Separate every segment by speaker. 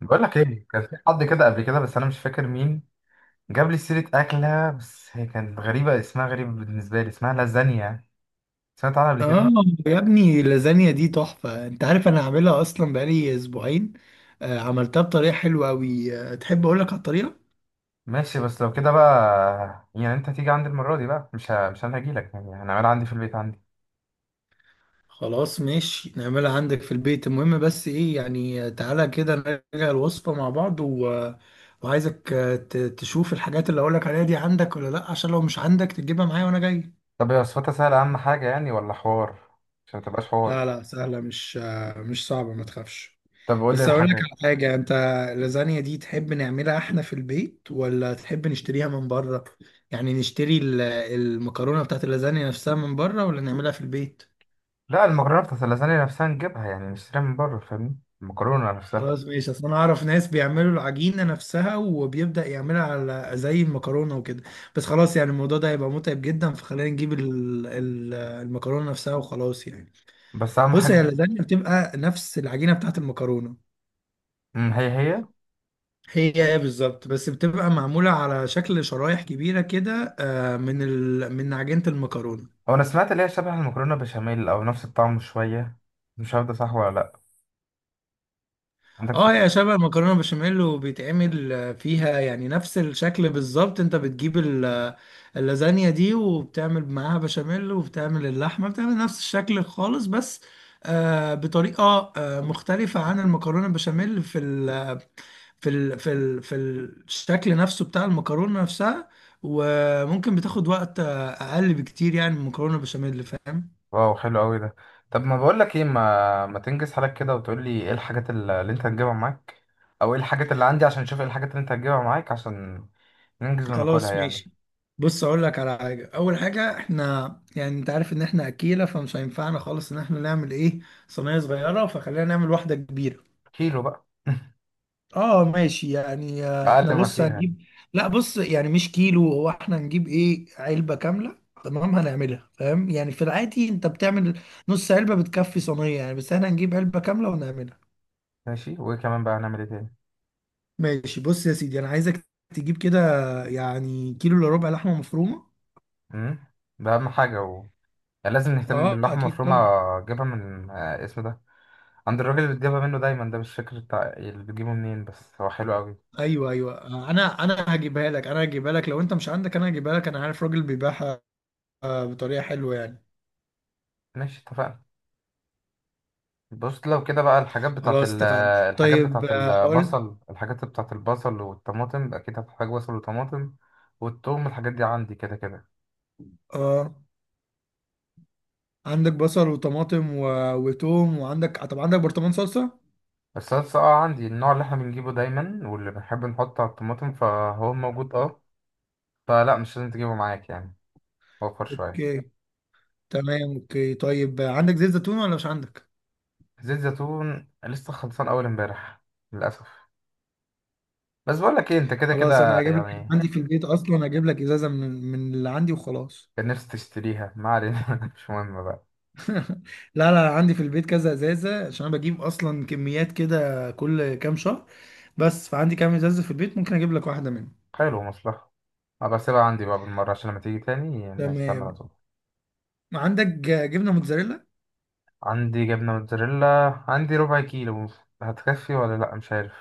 Speaker 1: بقول لك ايه، كان في حد كده قبل كده بس انا مش فاكر مين جاب لي سيره اكله. بس هي كانت غريبه، اسمها غريب بالنسبه لي، اسمها لازانيا. سمعت عنها قبل
Speaker 2: اه.
Speaker 1: كده؟
Speaker 2: يا ابني اللازانيا دي تحفة، انت عارف انا عاملها اصلا بقالي اسبوعين. عملتها بطريقة حلوة اوي. تحب اقولك على الطريقة؟
Speaker 1: ماشي، بس لو كده بقى يعني انت هتيجي عندي المره دي بقى، مش انا هجيلك يعني هنعملها عندي في البيت عندي.
Speaker 2: خلاص ماشي، نعملها عندك في البيت. المهم بس ايه يعني، تعالى كده نراجع الوصفة مع بعض و... آه، وعايزك، تشوف الحاجات اللي اقولك عليها دي عندك ولا لا، عشان لو مش عندك تجيبها معايا وانا جاي.
Speaker 1: طب هي وصفتها سهله اهم حاجه يعني، ولا حوار؟ عشان ما تبقاش حوار.
Speaker 2: لا لا سهلة، مش صعبة ما تخافش.
Speaker 1: طب قول لي
Speaker 2: بس اقول لك
Speaker 1: الحاجات.
Speaker 2: على حاجه انت، اللازانيا دي تحب نعملها احنا في البيت ولا تحب نشتريها من بره؟ يعني نشتري المكرونه بتاعت اللازانيا نفسها من بره ولا نعملها في البيت؟
Speaker 1: لا، المكرونه بتاعت اللازانيا نفسها نجيبها، يعني نشتريها من بره، فاهمني؟ المكرونه نفسها.
Speaker 2: خلاص ماشي، اصل انا اعرف ناس بيعملوا العجينه نفسها وبيبدا يعملها على زي المكرونه وكده. بس خلاص يعني الموضوع ده هيبقى متعب جدا، فخلينا نجيب المكرونه نفسها وخلاص يعني.
Speaker 1: بس اهم
Speaker 2: بص هي
Speaker 1: حاجه.
Speaker 2: اللازانيا بتبقى نفس العجينه بتاعت المكرونه.
Speaker 1: هي هي.
Speaker 2: هي ايه بالظبط، بس بتبقى معمولة على شكل شرايح كبيرة كده، من عجينة المكرونة.
Speaker 1: هو انا سمعت اللي هي شبه المكرونه بشاميل او نفس الطعم شويه. مش عارف ده صح ولا لا. عندك
Speaker 2: اه
Speaker 1: فكره؟
Speaker 2: هي شبه المكرونة بشاميل، وبيتعمل فيها يعني نفس الشكل بالظبط. انت بتجيب اللازانيا دي وبتعمل معاها بشاميل وبتعمل اللحمة، بتعمل نفس الشكل خالص، بس بطريقة مختلفة عن المكرونة بشاميل في في ال في ال في الشكل نفسه بتاع المكرونة نفسها. وممكن بتاخد وقت أقل بكتير يعني من المكرونة البشاميل، فاهم؟
Speaker 1: واو، حلو قوي ده. طب ما بقول لك ايه، ما تنجز حالك كده وتقول لي ايه الحاجات اللي انت هتجيبها معاك، او ايه الحاجات اللي عندي، عشان اشوف ايه الحاجات اللي انت هتجيبها معاك، عشان ننجز وناكلها
Speaker 2: خلاص
Speaker 1: يعني.
Speaker 2: ماشي. بص أقول لك على حاجة. أول حاجة إحنا يعني أنت عارف إن إحنا أكيلة، فمش هينفعنا خالص إن إحنا نعمل إيه، صينية صغيرة، فخلينا نعمل واحدة كبيرة.
Speaker 1: كيلو بقى.
Speaker 2: اه ماشي يعني، احنا
Speaker 1: اقل ما
Speaker 2: بص
Speaker 1: فيها يعني.
Speaker 2: هنجيب. لا بص يعني مش كيلو، هو احنا هنجيب ايه، علبة كاملة. تمام، هنعملها. فاهم يعني في العادي انت بتعمل نص علبة بتكفي صينية يعني، بس احنا هنجيب علبة كاملة ونعملها.
Speaker 1: ماشي، وايه كمان بقى هنعمل ايه تاني؟
Speaker 2: ماشي بص يا سيدي انا عايزك تجيب كده يعني كيلو الا ربع لحمة مفرومة.
Speaker 1: امم ده اهم حاجه يعني لازم نهتم
Speaker 2: اه
Speaker 1: باللحمه
Speaker 2: اكيد
Speaker 1: المفرومه.
Speaker 2: طبعا.
Speaker 1: اجيبها من اسمه ده، عند الراجل اللي بتجيبها منه دايما ده، مش فاكر بتاع اللي بتجيبه منين بس هو حلو قوي.
Speaker 2: ايوه ايوه، انا هجيبها لك، انا هجيبها لك لو انت مش عندك. انا هجيبها لك، انا عارف راجل بيبيعها بطريقة حلوة يعني.
Speaker 1: ماشي، اتفقنا. بص لو كده بقى الحاجات بتاعت
Speaker 2: خلاص
Speaker 1: ال
Speaker 2: اتفقنا.
Speaker 1: الحاجات
Speaker 2: طيب
Speaker 1: بتاعت
Speaker 2: اقول.
Speaker 1: البصل، الحاجات بتاعت البصل والطماطم، أكيد هتحتاج بصل وطماطم. والثوم، الحاجات دي عندي كده كده.
Speaker 2: اه عندك بصل وطماطم وتوم، وعندك طب عندك برطمان صلصة؟
Speaker 1: الصلصة، اه عندي النوع اللي احنا بنجيبه دايما واللي بنحب نحطه على الطماطم، فهو موجود اه. فلا، مش لازم تجيبه معاك يعني. وفر شوية.
Speaker 2: اوكي تمام اوكي. طيب عندك زيت زيتون ولا مش عندك؟
Speaker 1: زيت زيتون لسه خلصان أول امبارح، للأسف. بس بقولك ايه، انت كده
Speaker 2: خلاص انا
Speaker 1: كده
Speaker 2: هجيب لك، أنا
Speaker 1: يعني.
Speaker 2: عندي في البيت اصلا، هجيب لك ازازة من اللي عندي وخلاص.
Speaker 1: كان نفسي تشتريها، ما علينا. مش مهم بقى.
Speaker 2: لا لا عندي في البيت كذا ازازة، عشان انا بجيب اصلا كميات كده كل كام شهر، بس فعندي كام ازازة في البيت، ممكن اجيب لك واحدة منهم.
Speaker 1: حلو، مصلحة. أبقى أسيبها عندي بقى بالمرة، عشان لما تيجي تاني الناس تعمل على
Speaker 2: تمام.
Speaker 1: طول.
Speaker 2: عندك جبنة موتزاريلا؟
Speaker 1: عندي جبنة موتزاريلا، عندي ربع كيلو. هتكفي ولا لأ؟ مش عارف.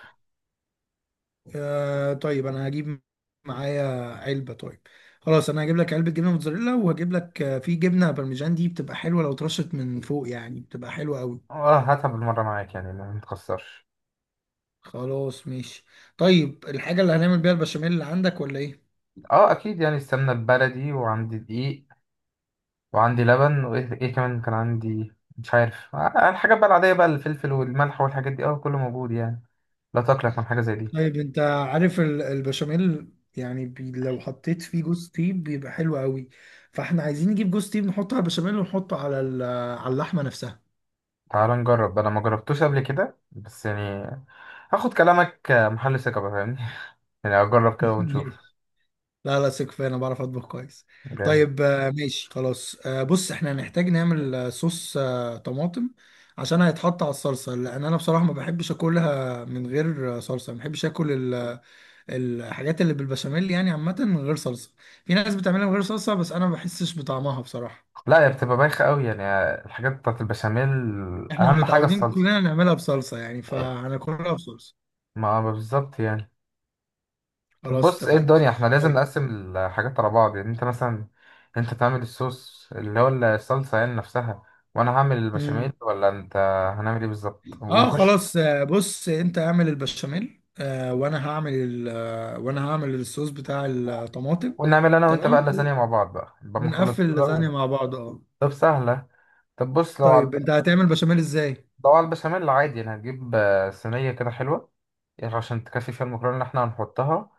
Speaker 2: آه طيب انا هجيب معايا علبه. طيب خلاص انا هجيب لك علبه جبنه موتزاريلا، وهجيب لك في جبنه بارميجان دي بتبقى حلوه لو اترشت من فوق، يعني بتبقى حلوه قوي.
Speaker 1: اه، هاتها بالمرة معاك يعني، ما متخسرش.
Speaker 2: خلاص ماشي. طيب الحاجه اللي هنعمل بيها البشاميل اللي عندك ولا ايه؟
Speaker 1: اه أكيد يعني، السمنة البلدي وعندي دقيق، وعندي لبن وإيه كمان كان عندي، مش عارف، الحاجات بقى العادية، بقى الفلفل والملح والحاجات دي، اه كله موجود يعني. لا تقلق من حاجة زي دي.
Speaker 2: طيب انت عارف البشاميل يعني بي لو حطيت فيه جوز تيب بيبقى حلو قوي، فاحنا عايزين نجيب جوز تيب نحطه على البشاميل ونحطه على على اللحمه نفسها.
Speaker 1: تعال نجرب، أنا ما جربتوش قبل كده بس يعني، هاخد كلامك محل ثقة بقى، فاهمني. يعني أجرب كده ونشوف.
Speaker 2: لا لا ثق فيا، انا بعرف اطبخ كويس.
Speaker 1: جامد.
Speaker 2: طيب ماشي خلاص. بص احنا هنحتاج نعمل صوص طماطم عشان هيتحط على الصلصه، لان انا بصراحه ما بحبش اكلها من غير صلصه. ما بحبش اكل الحاجات اللي بالبشاميل يعني عامه من غير صلصه. في ناس بتعملها من غير صلصه، بس انا ما بحسش بطعمها بصراحه.
Speaker 1: لا، هي بتبقى بايخة قوي يعني، الحاجات بتاعت البشاميل.
Speaker 2: احنا
Speaker 1: أهم حاجة
Speaker 2: متعودين
Speaker 1: الصلصة.
Speaker 2: كلنا نعملها بصلصه يعني،
Speaker 1: إيه.
Speaker 2: فهناكلها بصلصه.
Speaker 1: ما بالظبط يعني. طب
Speaker 2: خلاص
Speaker 1: بص، ايه
Speaker 2: اتفقنا.
Speaker 1: الدنيا، احنا لازم نقسم الحاجات على بعض يعني، انت مثلا انت تعمل الصوص اللي هو الصلصة يعني نفسها، وانا هعمل
Speaker 2: طيب
Speaker 1: البشاميل ولا انت هنعمل ايه بالظبط
Speaker 2: اه
Speaker 1: ونخش؟
Speaker 2: خلاص. بص انت اعمل البشاميل، وانا هعمل الصوص بتاع الطماطم.
Speaker 1: ونعمل انا وانت بقى
Speaker 2: تمام
Speaker 1: لازانيا مع بعض بقى، ما نخلص
Speaker 2: ونقفل
Speaker 1: كده
Speaker 2: اللازانيا مع بعض اه.
Speaker 1: طب، سهلة. طب بص
Speaker 2: طيب انت هتعمل بشاميل ازاي؟
Speaker 1: لو على البشاميل عادي يعني، هتجيب صينية كده حلوة يعني عشان تكفي فيها المكرونة اللي احنا هنحطها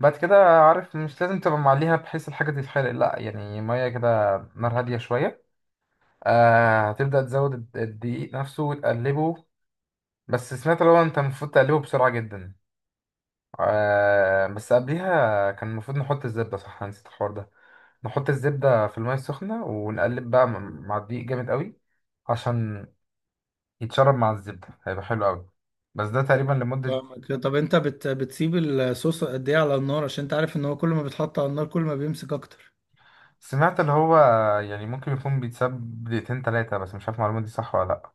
Speaker 1: بعد كده. عارف، مش لازم تبقى معليها بحيث الحاجة تتحرق، لا يعني، مية كده، نار هادية شوية. آه، هتبدأ تزود الدقيق نفسه وتقلبه. بس سمعت لو انت المفروض تقلبه بسرعة جدا. آه، بس قبليها كان المفروض نحط الزبدة، صح أنا نسيت الحوار ده. نحط الزبدة في المية السخنة ونقلب بقى مع الدقيق جامد قوي، عشان يتشرب مع الزبدة، هيبقى حلو قوي. بس ده تقريبا لمدة،
Speaker 2: فاهمك. طب انت بتسيب الصوص قد ايه على النار؟ عشان انت عارف ان هو كل ما بيتحط على النار كل ما بيمسك اكتر.
Speaker 1: سمعت اللي هو يعني ممكن يكون بيتساب دقيقتين تلاتة، بس مش عارف المعلومة دي صح ولا لأ.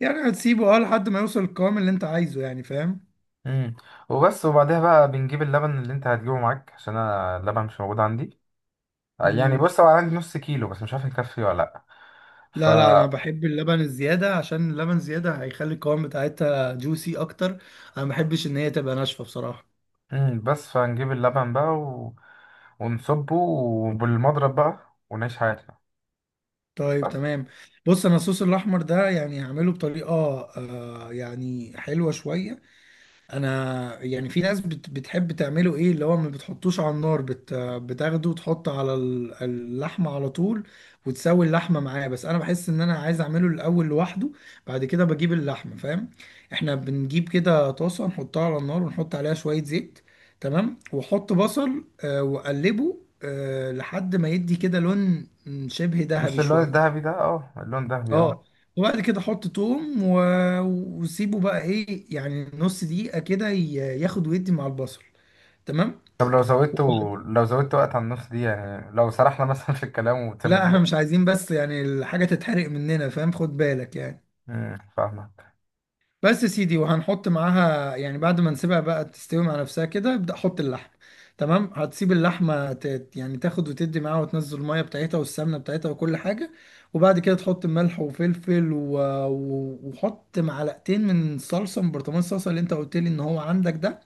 Speaker 2: يعني هتسيبه اه لحد ما يوصل القوام اللي انت عايزه يعني، فاهم؟
Speaker 1: امم وبس، وبعدها بقى بنجيب اللبن اللي انت هتجيبه معاك، عشان انا اللبن مش موجود عندي. يعني
Speaker 2: مم.
Speaker 1: بص، هو عندي نص كيلو بس مش عارف يكفي ولا لا. ف
Speaker 2: لا لا انا بحب اللبن الزياده، عشان اللبن الزياده هيخلي القوام بتاعتها جوسي اكتر. انا ما بحبش ان هي تبقى ناشفه بصراحه.
Speaker 1: بس فنجيب اللبن بقى ونصبه وبالمضرب بقى ونعيش حياتنا.
Speaker 2: طيب
Speaker 1: بس،
Speaker 2: تمام. بص انا الصوص الاحمر ده يعني هعمله بطريقه يعني حلوه شويه. انا يعني في ناس بتحب تعمله ايه، اللي هو ما بتحطوش على النار، بتاخده وتحط على اللحمه على طول وتسوي اللحمه معاه. بس انا بحس ان انا عايز اعمله الاول لوحده، بعد كده بجيب اللحمه، فاهم؟ احنا بنجيب كده طاسه نحطها على النار ونحط عليها شويه زيت. تمام، واحط بصل واقلبه لحد ما يدي كده لون شبه ذهبي
Speaker 1: مش اللون
Speaker 2: شويه.
Speaker 1: الذهبي ده؟ اه اللون الذهبي، اه.
Speaker 2: اه. وبعد كده حط توم وسيبه بقى ايه يعني نص دقيقة كده ياخد ويدي مع البصل. تمام.
Speaker 1: طب لو زودته،
Speaker 2: وبعد...
Speaker 1: لو زودت وقت على النص دي يعني لو سرحنا مثلا في الكلام وتسيب
Speaker 2: لا احنا
Speaker 1: دقيقة؟
Speaker 2: مش عايزين بس يعني الحاجة تتحرق مننا، فاهم؟ خد بالك يعني.
Speaker 1: فاهمك.
Speaker 2: بس يا سيدي، وهنحط معاها يعني بعد ما نسيبها بقى تستوي مع نفسها كده، ابدأ حط اللحم. تمام، هتسيب اللحمة يعني تاخد وتدي معاها، وتنزل المية بتاعتها والسمنة بتاعتها وكل حاجة. وبعد كده تحط ملح وفلفل وحط معلقتين من الصلصة، من برطمان الصلصة اللي انت قلت لي ان هو عندك ده.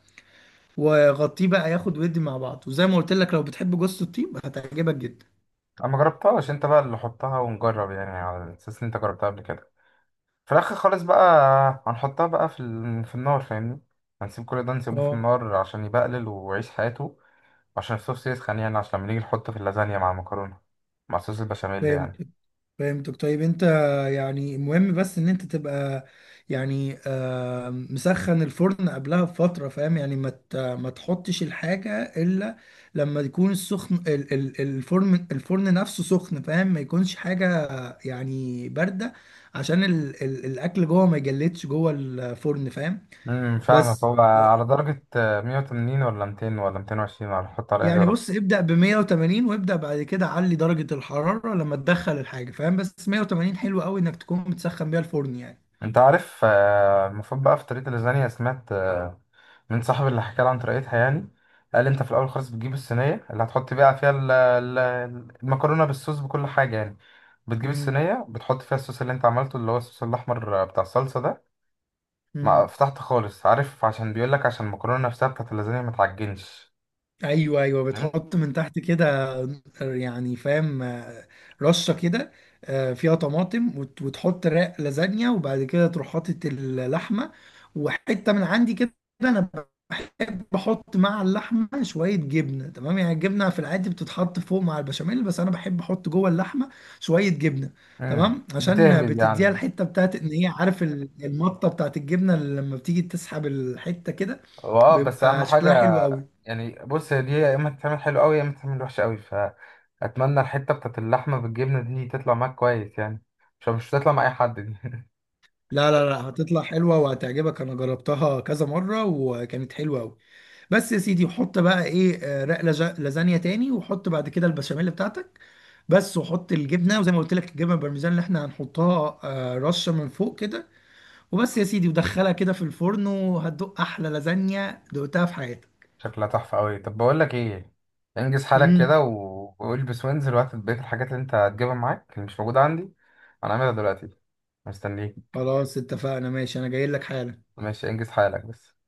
Speaker 2: وغطيه بقى ياخد ويدي مع بعض. وزي ما قلت لك لو بتحب جوز الطيب هتعجبك جدا.
Speaker 1: انا ما جربتهاش، انت بقى اللي حطها ونجرب يعني على اساس ان انت جربتها قبل كده. في الاخر خالص بقى هنحطها بقى في النار، فاهمني. هنسيب كل ده، نسيبه في
Speaker 2: اه
Speaker 1: النار عشان يبقلل ويعيش حياته. عشان الصوص يسخن يعني، عشان لما نيجي نحطه في اللازانيا مع المكرونه، مع صوص البشاميل
Speaker 2: فاهم.
Speaker 1: يعني.
Speaker 2: فهمتك. طيب انت يعني مهم بس ان انت تبقى يعني مسخن الفرن قبلها بفترة، فاهم؟ يعني ما تحطش الحاجة الا لما يكون السخن الفرن نفسه سخن، فاهم؟ ما يكونش حاجة يعني باردة، عشان الاكل جوه ما يجلدش جوه الفرن، فاهم؟
Speaker 1: فاهمك،
Speaker 2: بس
Speaker 1: هو على درجه 180 ولا 200 ولا 220، ولا هنحط على ايه
Speaker 2: يعني
Speaker 1: درجه؟
Speaker 2: بص ابدأ ب 180، وابدأ بعد كده علي درجة الحرارة لما تدخل الحاجة، فاهم؟ بس 180 حلو قوي انك تكون متسخن بيها الفرن
Speaker 1: انت عارف المفروض بقى في طريقة اللازانيا، سمعت من صاحبي اللي حكى لي عن طريقتها يعني، قال انت في الاول خالص بتجيب الصينية اللي هتحط بقى فيها المكرونة بالصوص بكل حاجة يعني، بتجيب
Speaker 2: يعني.
Speaker 1: الصينية، بتحط فيها الصوص اللي انت عملته، اللي هو الصوص الاحمر بتاع الصلصة ده،
Speaker 2: مم.
Speaker 1: مع فتحت خالص، عارف، عشان بيقولك عشان المكرونة نفسها بتاعت اللازانيا ما تعجنش.
Speaker 2: ايوه ايوه
Speaker 1: فاهم؟
Speaker 2: بتحط من تحت كده يعني فاهم. رشه كده فيها طماطم، وتحط رق لازانيا، وبعد كده تروح حاطط اللحمه. وحته من عندي كده، انا بحب احط مع اللحمه شويه جبنه. تمام يعني الجبنه في العادي بتتحط فوق مع البشاميل، بس انا بحب احط جوه اللحمه شويه جبنه.
Speaker 1: مم.
Speaker 2: تمام عشان
Speaker 1: بتهبد
Speaker 2: بتديها
Speaker 1: يعني.
Speaker 2: الحته بتاعت ان هي، عارف المطه بتاعت الجبنه اللي لما بتيجي تسحب الحته كده
Speaker 1: هو اه بس اهم
Speaker 2: بيبقى شكلها
Speaker 1: حاجه.
Speaker 2: حلو قوي.
Speaker 1: يعني بص، هي دي يا اما تتعمل حلو قوي يا اما تتعمل وحشه قوي، فاتمنى الحته بتاعت اللحمه بالجبنه دي تطلع معاك كويس يعني. مش هتطلع مع اي حد دي.
Speaker 2: لا لا لا، هتطلع حلوة وهتعجبك، أنا جربتها كذا مرة وكانت حلوة أوي. بس يا سيدي حط بقى إيه رق لازانيا تاني، وحط بعد كده البشاميل بتاعتك. بس وحط الجبنة، وزي ما قلت لك الجبنة البارميزان اللي إحنا هنحطها رشة من فوق كده. وبس يا سيدي ودخلها كده في الفرن، وهتدوق أحلى لازانيا دقتها في حياتك.
Speaker 1: شكلها تحفه قوي. طب بقول لك ايه، انجز حالك
Speaker 2: امم
Speaker 1: كده والبس وانزل وهات بقيه الحاجات اللي انت هتجيبها معاك، اللي مش موجوده عندي. انا هعملها دلوقتي، مستنيك.
Speaker 2: خلاص اتفقنا ماشي، أنا جاي لك حالا.
Speaker 1: ماشي، انجز حالك بس.